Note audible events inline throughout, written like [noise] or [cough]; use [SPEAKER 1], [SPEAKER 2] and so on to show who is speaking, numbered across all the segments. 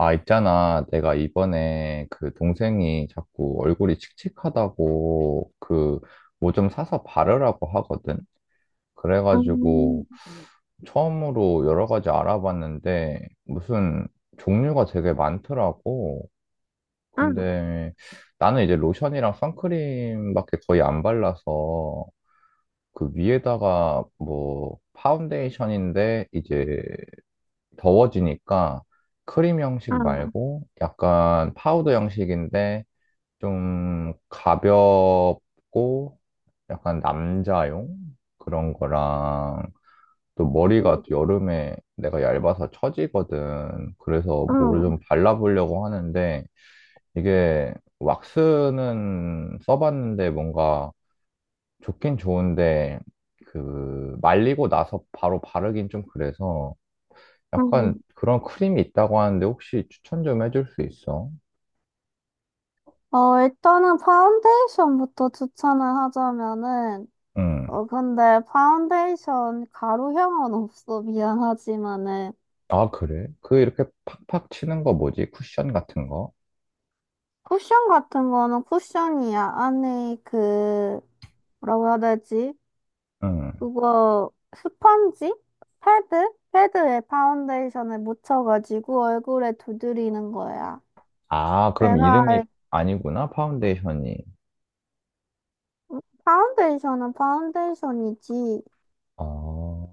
[SPEAKER 1] 아, 있잖아. 내가 이번에 그 동생이 자꾸 얼굴이 칙칙하다고 그 뭐 좀 사서 바르라고 하거든. 그래가지고
[SPEAKER 2] 음,
[SPEAKER 1] 처음으로 여러 가지 알아봤는데 무슨 종류가 되게 많더라고.
[SPEAKER 2] 아,
[SPEAKER 1] 근데 나는 이제 로션이랑 선크림밖에 거의 안 발라서 그 위에다가 뭐 파운데이션인데 이제 더워지니까 크림
[SPEAKER 2] 아,
[SPEAKER 1] 형식 말고 약간 파우더 형식인데 좀 가볍고 약간 남자용 그런 거랑 또 머리가 또 여름에 내가 얇아서 처지거든. 그래서 뭐를
[SPEAKER 2] 어,
[SPEAKER 1] 좀 발라보려고 하는데 이게 왁스는 써봤는데 뭔가 좋긴 좋은데 그 말리고 나서 바로 바르긴 좀 그래서 약간
[SPEAKER 2] 음,
[SPEAKER 1] 그런 크림이 있다고 하는데 혹시 추천 좀 해줄 수 있어?
[SPEAKER 2] 어, 일단은 파운데이션부터 추천을 하자면은,
[SPEAKER 1] 응.
[SPEAKER 2] 근데 파운데이션 가루형은 없어. 미안하지만은.
[SPEAKER 1] 아, 그래? 그 이렇게 팍팍 치는 거 뭐지? 쿠션 같은 거?
[SPEAKER 2] 쿠션 같은 거는 쿠션이야. 안에 그, 뭐라고 해야 되지?
[SPEAKER 1] 응.
[SPEAKER 2] 그거, 스펀지? 패드? 패드에 파운데이션을 묻혀가지고 얼굴에 두드리는 거야.
[SPEAKER 1] 아, 그럼
[SPEAKER 2] 내가
[SPEAKER 1] 이름이
[SPEAKER 2] 알-
[SPEAKER 1] 아니구나, 파운데이션이.
[SPEAKER 2] 파운데이션은 파운데이션이지.
[SPEAKER 1] 아,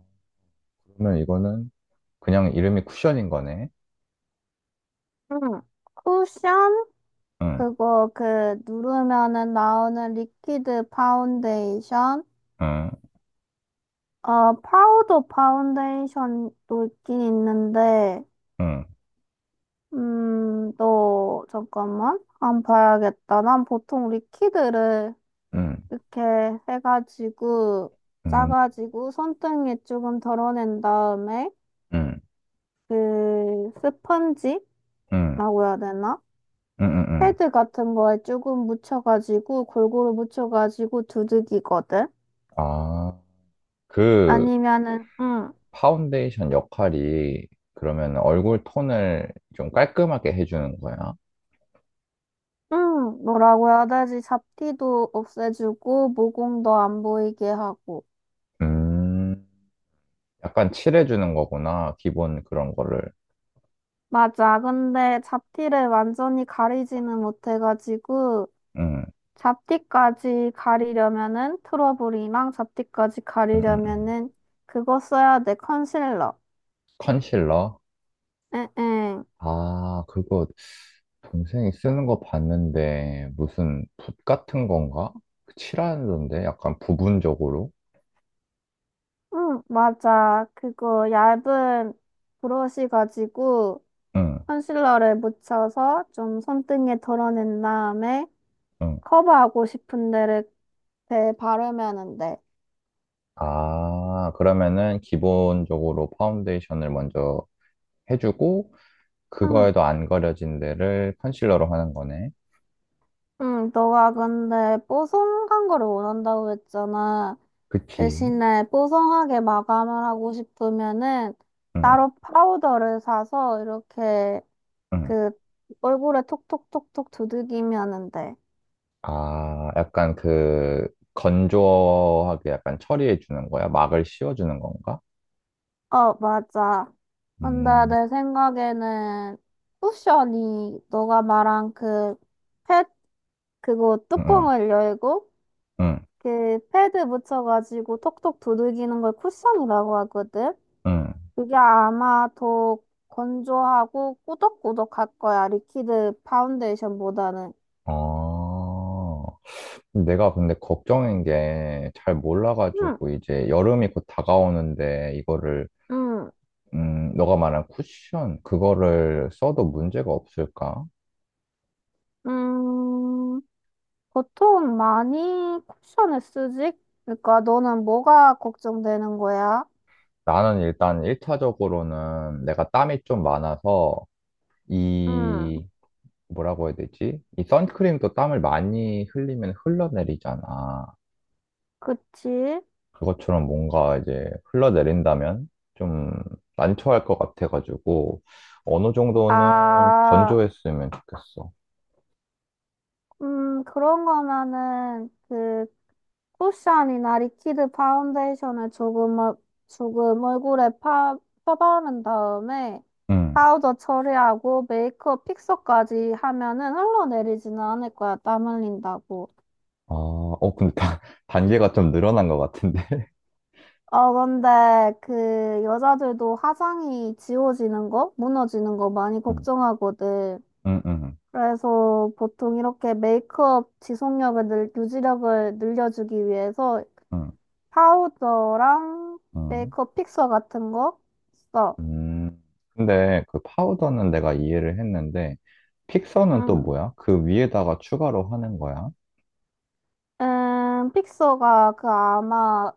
[SPEAKER 1] 그러면 이거는 그냥 이름이 쿠션인 거네?
[SPEAKER 2] 응. 쿠션?
[SPEAKER 1] 응,
[SPEAKER 2] 그거 그 누르면은 나오는 리퀴드 파운데이션?
[SPEAKER 1] 응,
[SPEAKER 2] 파우더 파운데이션도 있긴 있는데,
[SPEAKER 1] 응,
[SPEAKER 2] 또, 잠깐만. 안 봐야겠다. 난 보통 리퀴드를
[SPEAKER 1] 응,
[SPEAKER 2] 이렇게 해가지고,
[SPEAKER 1] 응,
[SPEAKER 2] 짜가지고, 손등에 조금 덜어낸 다음에,
[SPEAKER 1] 응,
[SPEAKER 2] 그, 스펀지라고
[SPEAKER 1] 응,
[SPEAKER 2] 해야 되나?
[SPEAKER 1] 응, 응. 응.
[SPEAKER 2] 패드 같은 거에 조금 묻혀가지고 골고루 묻혀가지고 두들기거든.
[SPEAKER 1] 아, 그
[SPEAKER 2] 아니면은 응,
[SPEAKER 1] 파운데이션 역할이 그러면 얼굴 톤을 좀 깔끔하게 해주는 거야?
[SPEAKER 2] 응, 뭐라고 해야 되지? 잡티도 없애주고 모공도 안 보이게 하고.
[SPEAKER 1] 음. 약간 칠해주는 거구나. 기본 그런 거를.
[SPEAKER 2] 맞아. 근데 잡티를 완전히 가리지는 못해가지고
[SPEAKER 1] 음,
[SPEAKER 2] 잡티까지 가리려면은 트러블이랑 잡티까지
[SPEAKER 1] 음, 음, 음.
[SPEAKER 2] 가리려면은 그거 써야 돼. 컨실러.
[SPEAKER 1] 컨실러?
[SPEAKER 2] 응응. 응,
[SPEAKER 1] 아, 그거 동생이 쓰는 거 봤는데 무슨 붓 같은 건가? 그 칠하는데 약간 부분적으로?
[SPEAKER 2] 응, 맞아. 그거 얇은 브러쉬 가지고
[SPEAKER 1] 응,
[SPEAKER 2] 컨실러를 묻혀서 좀 손등에 덜어낸 다음에
[SPEAKER 1] 응.
[SPEAKER 2] 커버하고 싶은 데를 대 바르면은 돼.
[SPEAKER 1] 아, 그러면은 기본적으로 파운데이션을 먼저 해주고
[SPEAKER 2] 응,
[SPEAKER 1] 그거에도 안 가려진 데를 컨실러로 하는 거네.
[SPEAKER 2] 응, 너가 근데 뽀송한 거를 원한다고 했잖아.
[SPEAKER 1] 그치?
[SPEAKER 2] 대신에 뽀송하게 마감을 하고 싶으면은
[SPEAKER 1] 응,
[SPEAKER 2] 따로 파우더를 사서 이렇게
[SPEAKER 1] 응.
[SPEAKER 2] 그 얼굴에 톡톡톡톡 두들기면은 돼.
[SPEAKER 1] 아, 약간 그 건조하게 약간 처리해 주는 거야? 막을 씌워 주는 건가?
[SPEAKER 2] 어, 맞아. 근데
[SPEAKER 1] 음,
[SPEAKER 2] 내 생각에는 쿠션이 너가 말한 패, 그거
[SPEAKER 1] 음,
[SPEAKER 2] 뚜껑을 열고
[SPEAKER 1] 음,
[SPEAKER 2] 그 패드 묻혀가지고 톡톡 두들기는 걸 쿠션이라고 하거든.
[SPEAKER 1] 음.
[SPEAKER 2] 그게 아마 더 건조하고 꾸덕꾸덕할 거야. 리퀴드 파운데이션보다는.
[SPEAKER 1] 아, 내가 근데 걱정인 게 잘
[SPEAKER 2] 응
[SPEAKER 1] 몰라가지고 이제 여름이 곧 다가오는데 이거를
[SPEAKER 2] 응
[SPEAKER 1] 너가 말한 쿠션 그거를 써도 문제가 없을까?
[SPEAKER 2] 음. 보통 많이 쿠션을 쓰지? 그러니까 너는 뭐가 걱정되는 거야?
[SPEAKER 1] 나는 일단 일차적으로는 내가 땀이 좀 많아서
[SPEAKER 2] 응
[SPEAKER 1] 이 뭐라고 해야 되지? 이 선크림도 땀을 많이 흘리면 흘러내리잖아.
[SPEAKER 2] 그치?
[SPEAKER 1] 그것처럼 뭔가 이제 흘러내린다면 좀 난처할 것 같아가지고 어느 정도는
[SPEAKER 2] 아,
[SPEAKER 1] 건조했으면 좋겠어.
[SPEAKER 2] 그런 거면은 그 쿠션이나 리퀴드 파운데이션을 조금, 조금 얼굴에 펴바른 다음에
[SPEAKER 1] 응.
[SPEAKER 2] 파우더 처리하고 메이크업 픽서까지 하면은 흘러내리지는 않을 거야. 땀 흘린다고.
[SPEAKER 1] 아, 어, 근데 [laughs] 단계가 좀 늘어난 것 같은데.
[SPEAKER 2] 어, 근데 그 여자들도 화장이 지워지는 거, 무너지는 거 많이
[SPEAKER 1] 응,
[SPEAKER 2] 걱정하거든.
[SPEAKER 1] 응, 응,
[SPEAKER 2] 그래서 보통 이렇게 메이크업 지속력을 유지력을 늘려주기 위해서
[SPEAKER 1] 응,
[SPEAKER 2] 파우더랑
[SPEAKER 1] 응.
[SPEAKER 2] 메이크업 픽서 같은 거 써.
[SPEAKER 1] 음, 근데 그 파우더는 내가 이해를 했는데 픽서는 또
[SPEAKER 2] 응,
[SPEAKER 1] 뭐야? 그 위에다가 추가로 하는 거야?
[SPEAKER 2] 픽서가 그 아마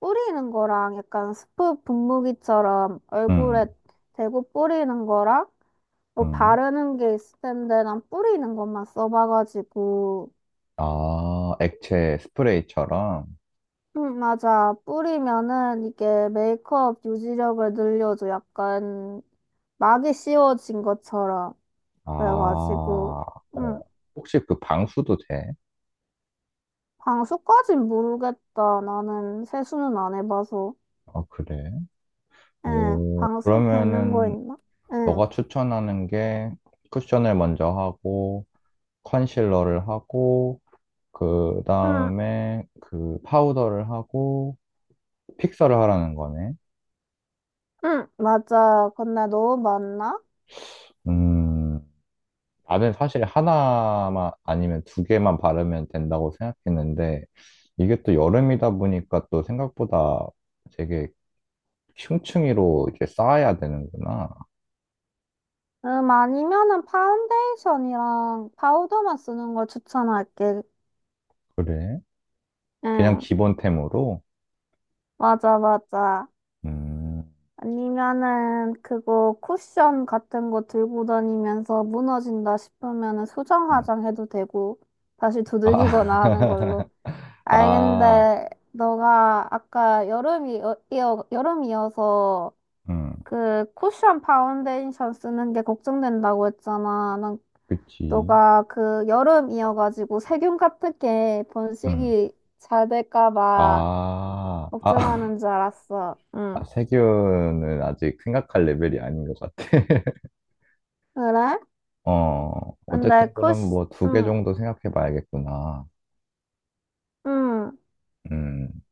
[SPEAKER 2] 뿌리는 거랑 약간 스프 분무기처럼
[SPEAKER 1] 응,
[SPEAKER 2] 얼굴에 대고 뿌리는 거랑 뭐
[SPEAKER 1] 응.
[SPEAKER 2] 바르는 게 있을 텐데 난 뿌리는 것만 써봐가지고
[SPEAKER 1] 아, 액체 스프레이처럼?
[SPEAKER 2] 응 맞아. 뿌리면은 이게 메이크업 유지력을 늘려줘. 약간 막이 씌워진 것처럼.
[SPEAKER 1] 아,
[SPEAKER 2] 그래가지고
[SPEAKER 1] 어.
[SPEAKER 2] 응
[SPEAKER 1] 혹시 그 방수도 돼?
[SPEAKER 2] 방수까진 모르겠다. 나는 세수는 안 해봐서.
[SPEAKER 1] 아, 그래?
[SPEAKER 2] 응,
[SPEAKER 1] 오,
[SPEAKER 2] 방수 되는 거
[SPEAKER 1] 그러면은
[SPEAKER 2] 있나? 응,
[SPEAKER 1] 너가 추천하는 게 쿠션을 먼저 하고, 컨실러를 하고, 그
[SPEAKER 2] 응,
[SPEAKER 1] 다음에 그 파우더를 하고, 픽서를 하라는 거네?
[SPEAKER 2] 응, 맞아. 근데 너무 많나?
[SPEAKER 1] 음, 나는 사실 하나만 아니면 두 개만 바르면 된다고 생각했는데, 이게 또 여름이다 보니까 또 생각보다 되게 흉층이로 이제 쌓아야 되는구나.
[SPEAKER 2] 아니면은 파운데이션이랑 파우더만 쓰는 걸 추천할게.
[SPEAKER 1] 그래? 그냥
[SPEAKER 2] 응,
[SPEAKER 1] 기본템으로?
[SPEAKER 2] 맞아, 맞아.
[SPEAKER 1] 음,
[SPEAKER 2] 아니면은 그거 쿠션 같은 거 들고 다니면서 무너진다 싶으면은 수정
[SPEAKER 1] 음.
[SPEAKER 2] 화장 해도 되고 다시 두들기거나 하는
[SPEAKER 1] 아,
[SPEAKER 2] 걸로.
[SPEAKER 1] [laughs]
[SPEAKER 2] 아이,
[SPEAKER 1] 아,
[SPEAKER 2] 근데 너가 아까 여름이어서
[SPEAKER 1] 음,
[SPEAKER 2] 그 쿠션 파운데이션 쓰는 게 걱정된다고 했잖아. 난
[SPEAKER 1] 그치.
[SPEAKER 2] 너가 그 여름이어가지고 세균 같은 게
[SPEAKER 1] 음,
[SPEAKER 2] 번식이 잘 될까 봐
[SPEAKER 1] 아, 아,
[SPEAKER 2] 걱정하는 줄
[SPEAKER 1] [laughs]
[SPEAKER 2] 알았어. 응.
[SPEAKER 1] 아, 세균은 아직 생각할 레벨이 아닌 것 같아. [laughs]
[SPEAKER 2] 그래?
[SPEAKER 1] 어, 어쨌든
[SPEAKER 2] 근데
[SPEAKER 1] 그럼
[SPEAKER 2] 쿠션,
[SPEAKER 1] 뭐 두 개
[SPEAKER 2] 응,
[SPEAKER 1] 정도 생각해 봐야겠구나.
[SPEAKER 2] 응.
[SPEAKER 1] 음,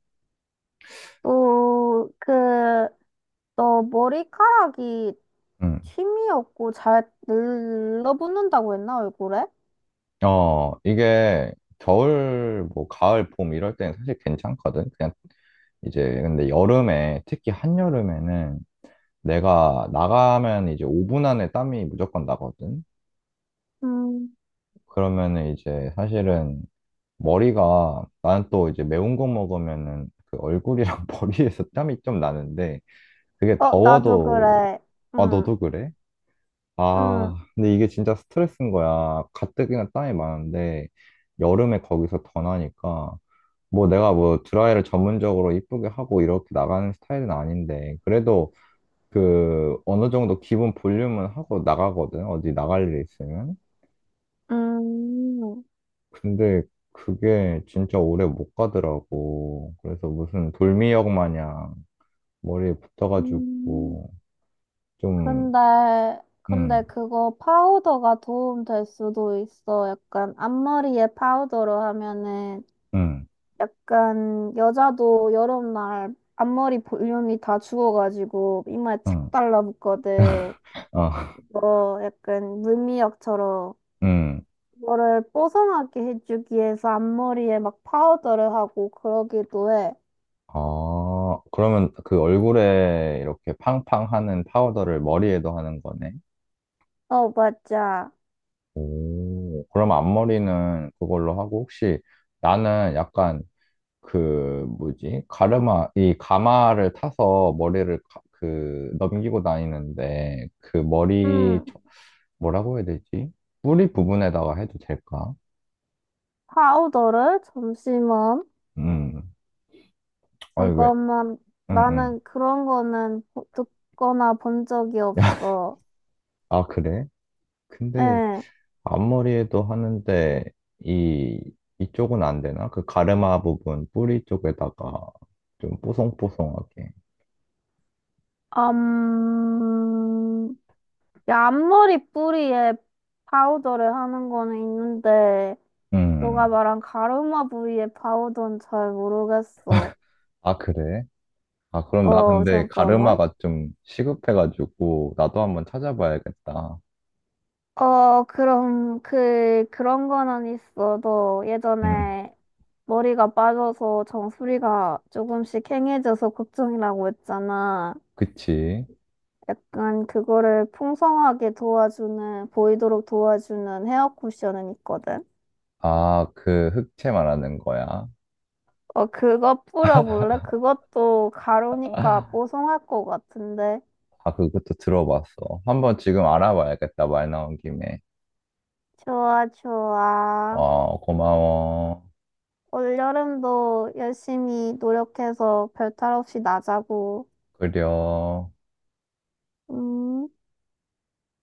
[SPEAKER 2] 또, 그, 너 머리카락이
[SPEAKER 1] 음.
[SPEAKER 2] 힘이 없고 잘 늘러붙는다고 했나, 얼굴에?
[SPEAKER 1] 어, 이게 겨울, 뭐 가을, 봄 이럴 때는 사실 괜찮거든. 그냥 이제 근데 여름에 특히 한여름에는 내가 나가면 이제 5분 안에 땀이 무조건 나거든.
[SPEAKER 2] 음.
[SPEAKER 1] 그러면은 이제 사실은 머리가 나는 또 이제 매운 거 먹으면은 그 얼굴이랑 [laughs] 머리에서 땀이 좀 나는데 그게
[SPEAKER 2] 어, 나도
[SPEAKER 1] 더워도
[SPEAKER 2] 그래.
[SPEAKER 1] 아
[SPEAKER 2] 응,
[SPEAKER 1] 너도 그래?
[SPEAKER 2] 응,
[SPEAKER 1] 아 근데 이게 진짜 스트레스인 거야. 가뜩이나 땀이 많은데 여름에 거기서 더 나니까 뭐 내가 뭐 드라이를 전문적으로 이쁘게 하고 이렇게 나가는 스타일은 아닌데 그래도 그 어느 정도 기본 볼륨은 하고 나가거든. 어디 나갈 일 있으면.
[SPEAKER 2] 음.
[SPEAKER 1] 근데 그게 진짜 오래 못 가더라고. 그래서 무슨 돌미역 마냥 머리에
[SPEAKER 2] 음.
[SPEAKER 1] 붙어가지고 좀
[SPEAKER 2] 근데, 근데
[SPEAKER 1] 응,
[SPEAKER 2] 그거 파우더가 도움 될 수도 있어. 약간 앞머리에 파우더로 하면은
[SPEAKER 1] 응,
[SPEAKER 2] 약간 여자도 여름날 앞머리 볼륨이 다 죽어가지고 이마에 착
[SPEAKER 1] 응,
[SPEAKER 2] 달라붙거든.
[SPEAKER 1] 아, [laughs]
[SPEAKER 2] 뭐 약간 물미역처럼
[SPEAKER 1] 응.
[SPEAKER 2] 그거를 뽀송하게 해주기 위해서 앞머리에 막 파우더를 하고 그러기도 해.
[SPEAKER 1] 아, 그러면 그 얼굴에 이렇게 팡팡 하는 파우더를 머리에도 하는 거네.
[SPEAKER 2] 어, 맞아.
[SPEAKER 1] 오, 그럼 앞머리는 그걸로 하고 혹시 나는 약간 그 뭐지? 가르마 이 가마를 타서 머리를 그 넘기고 다니는데 그 머리
[SPEAKER 2] 음,
[SPEAKER 1] 뭐라고 해야 되지? 뿌리 부분에다가 해도 될까?
[SPEAKER 2] 파우더를 잠시만.
[SPEAKER 1] 음. 아니 왜?
[SPEAKER 2] 잠깐만,
[SPEAKER 1] 응, 응.
[SPEAKER 2] 나는 그런 거는 듣거나 본 적이
[SPEAKER 1] [laughs]
[SPEAKER 2] 없어.
[SPEAKER 1] 아, 그래? 근데
[SPEAKER 2] 예,
[SPEAKER 1] 앞머리에도 하는데 이 이쪽은 안 되나? 그 가르마 부분 뿌리 쪽에다가 좀 뽀송뽀송하게.
[SPEAKER 2] 음, 야, 앞머리 뿌리에 파우더를 하는 거는 있는데, 너가
[SPEAKER 1] 음.
[SPEAKER 2] 말한 가르마 부위에 파우더는 잘 모르겠어.
[SPEAKER 1] 아, 그래? 아, 그럼 나
[SPEAKER 2] 어,
[SPEAKER 1] 근데
[SPEAKER 2] 잠깐만.
[SPEAKER 1] 가르마가 좀 시급해가지고 나도 한번 찾아봐야겠다.
[SPEAKER 2] 어, 그럼, 그, 그런 거는 있어. 너
[SPEAKER 1] 음,
[SPEAKER 2] 예전에 머리가 빠져서 정수리가 조금씩 캥해져서 걱정이라고 했잖아.
[SPEAKER 1] 그치.
[SPEAKER 2] 약간 그거를 풍성하게 도와주는, 보이도록 도와주는 헤어 쿠션은 있거든.
[SPEAKER 1] 아, 그 흑채 말하는 거야.
[SPEAKER 2] 어, 그거 뿌려볼래? 그것도 가루니까
[SPEAKER 1] 아,
[SPEAKER 2] 뽀송할 것 같은데.
[SPEAKER 1] 그것도 들어봤어. 한번 지금 알아봐야겠다. 말 나온 김에.
[SPEAKER 2] 좋아, 좋아.
[SPEAKER 1] 어, 고마워.
[SPEAKER 2] 올여름도 열심히 노력해서 별탈 없이 나자고.
[SPEAKER 1] 그려.
[SPEAKER 2] 음.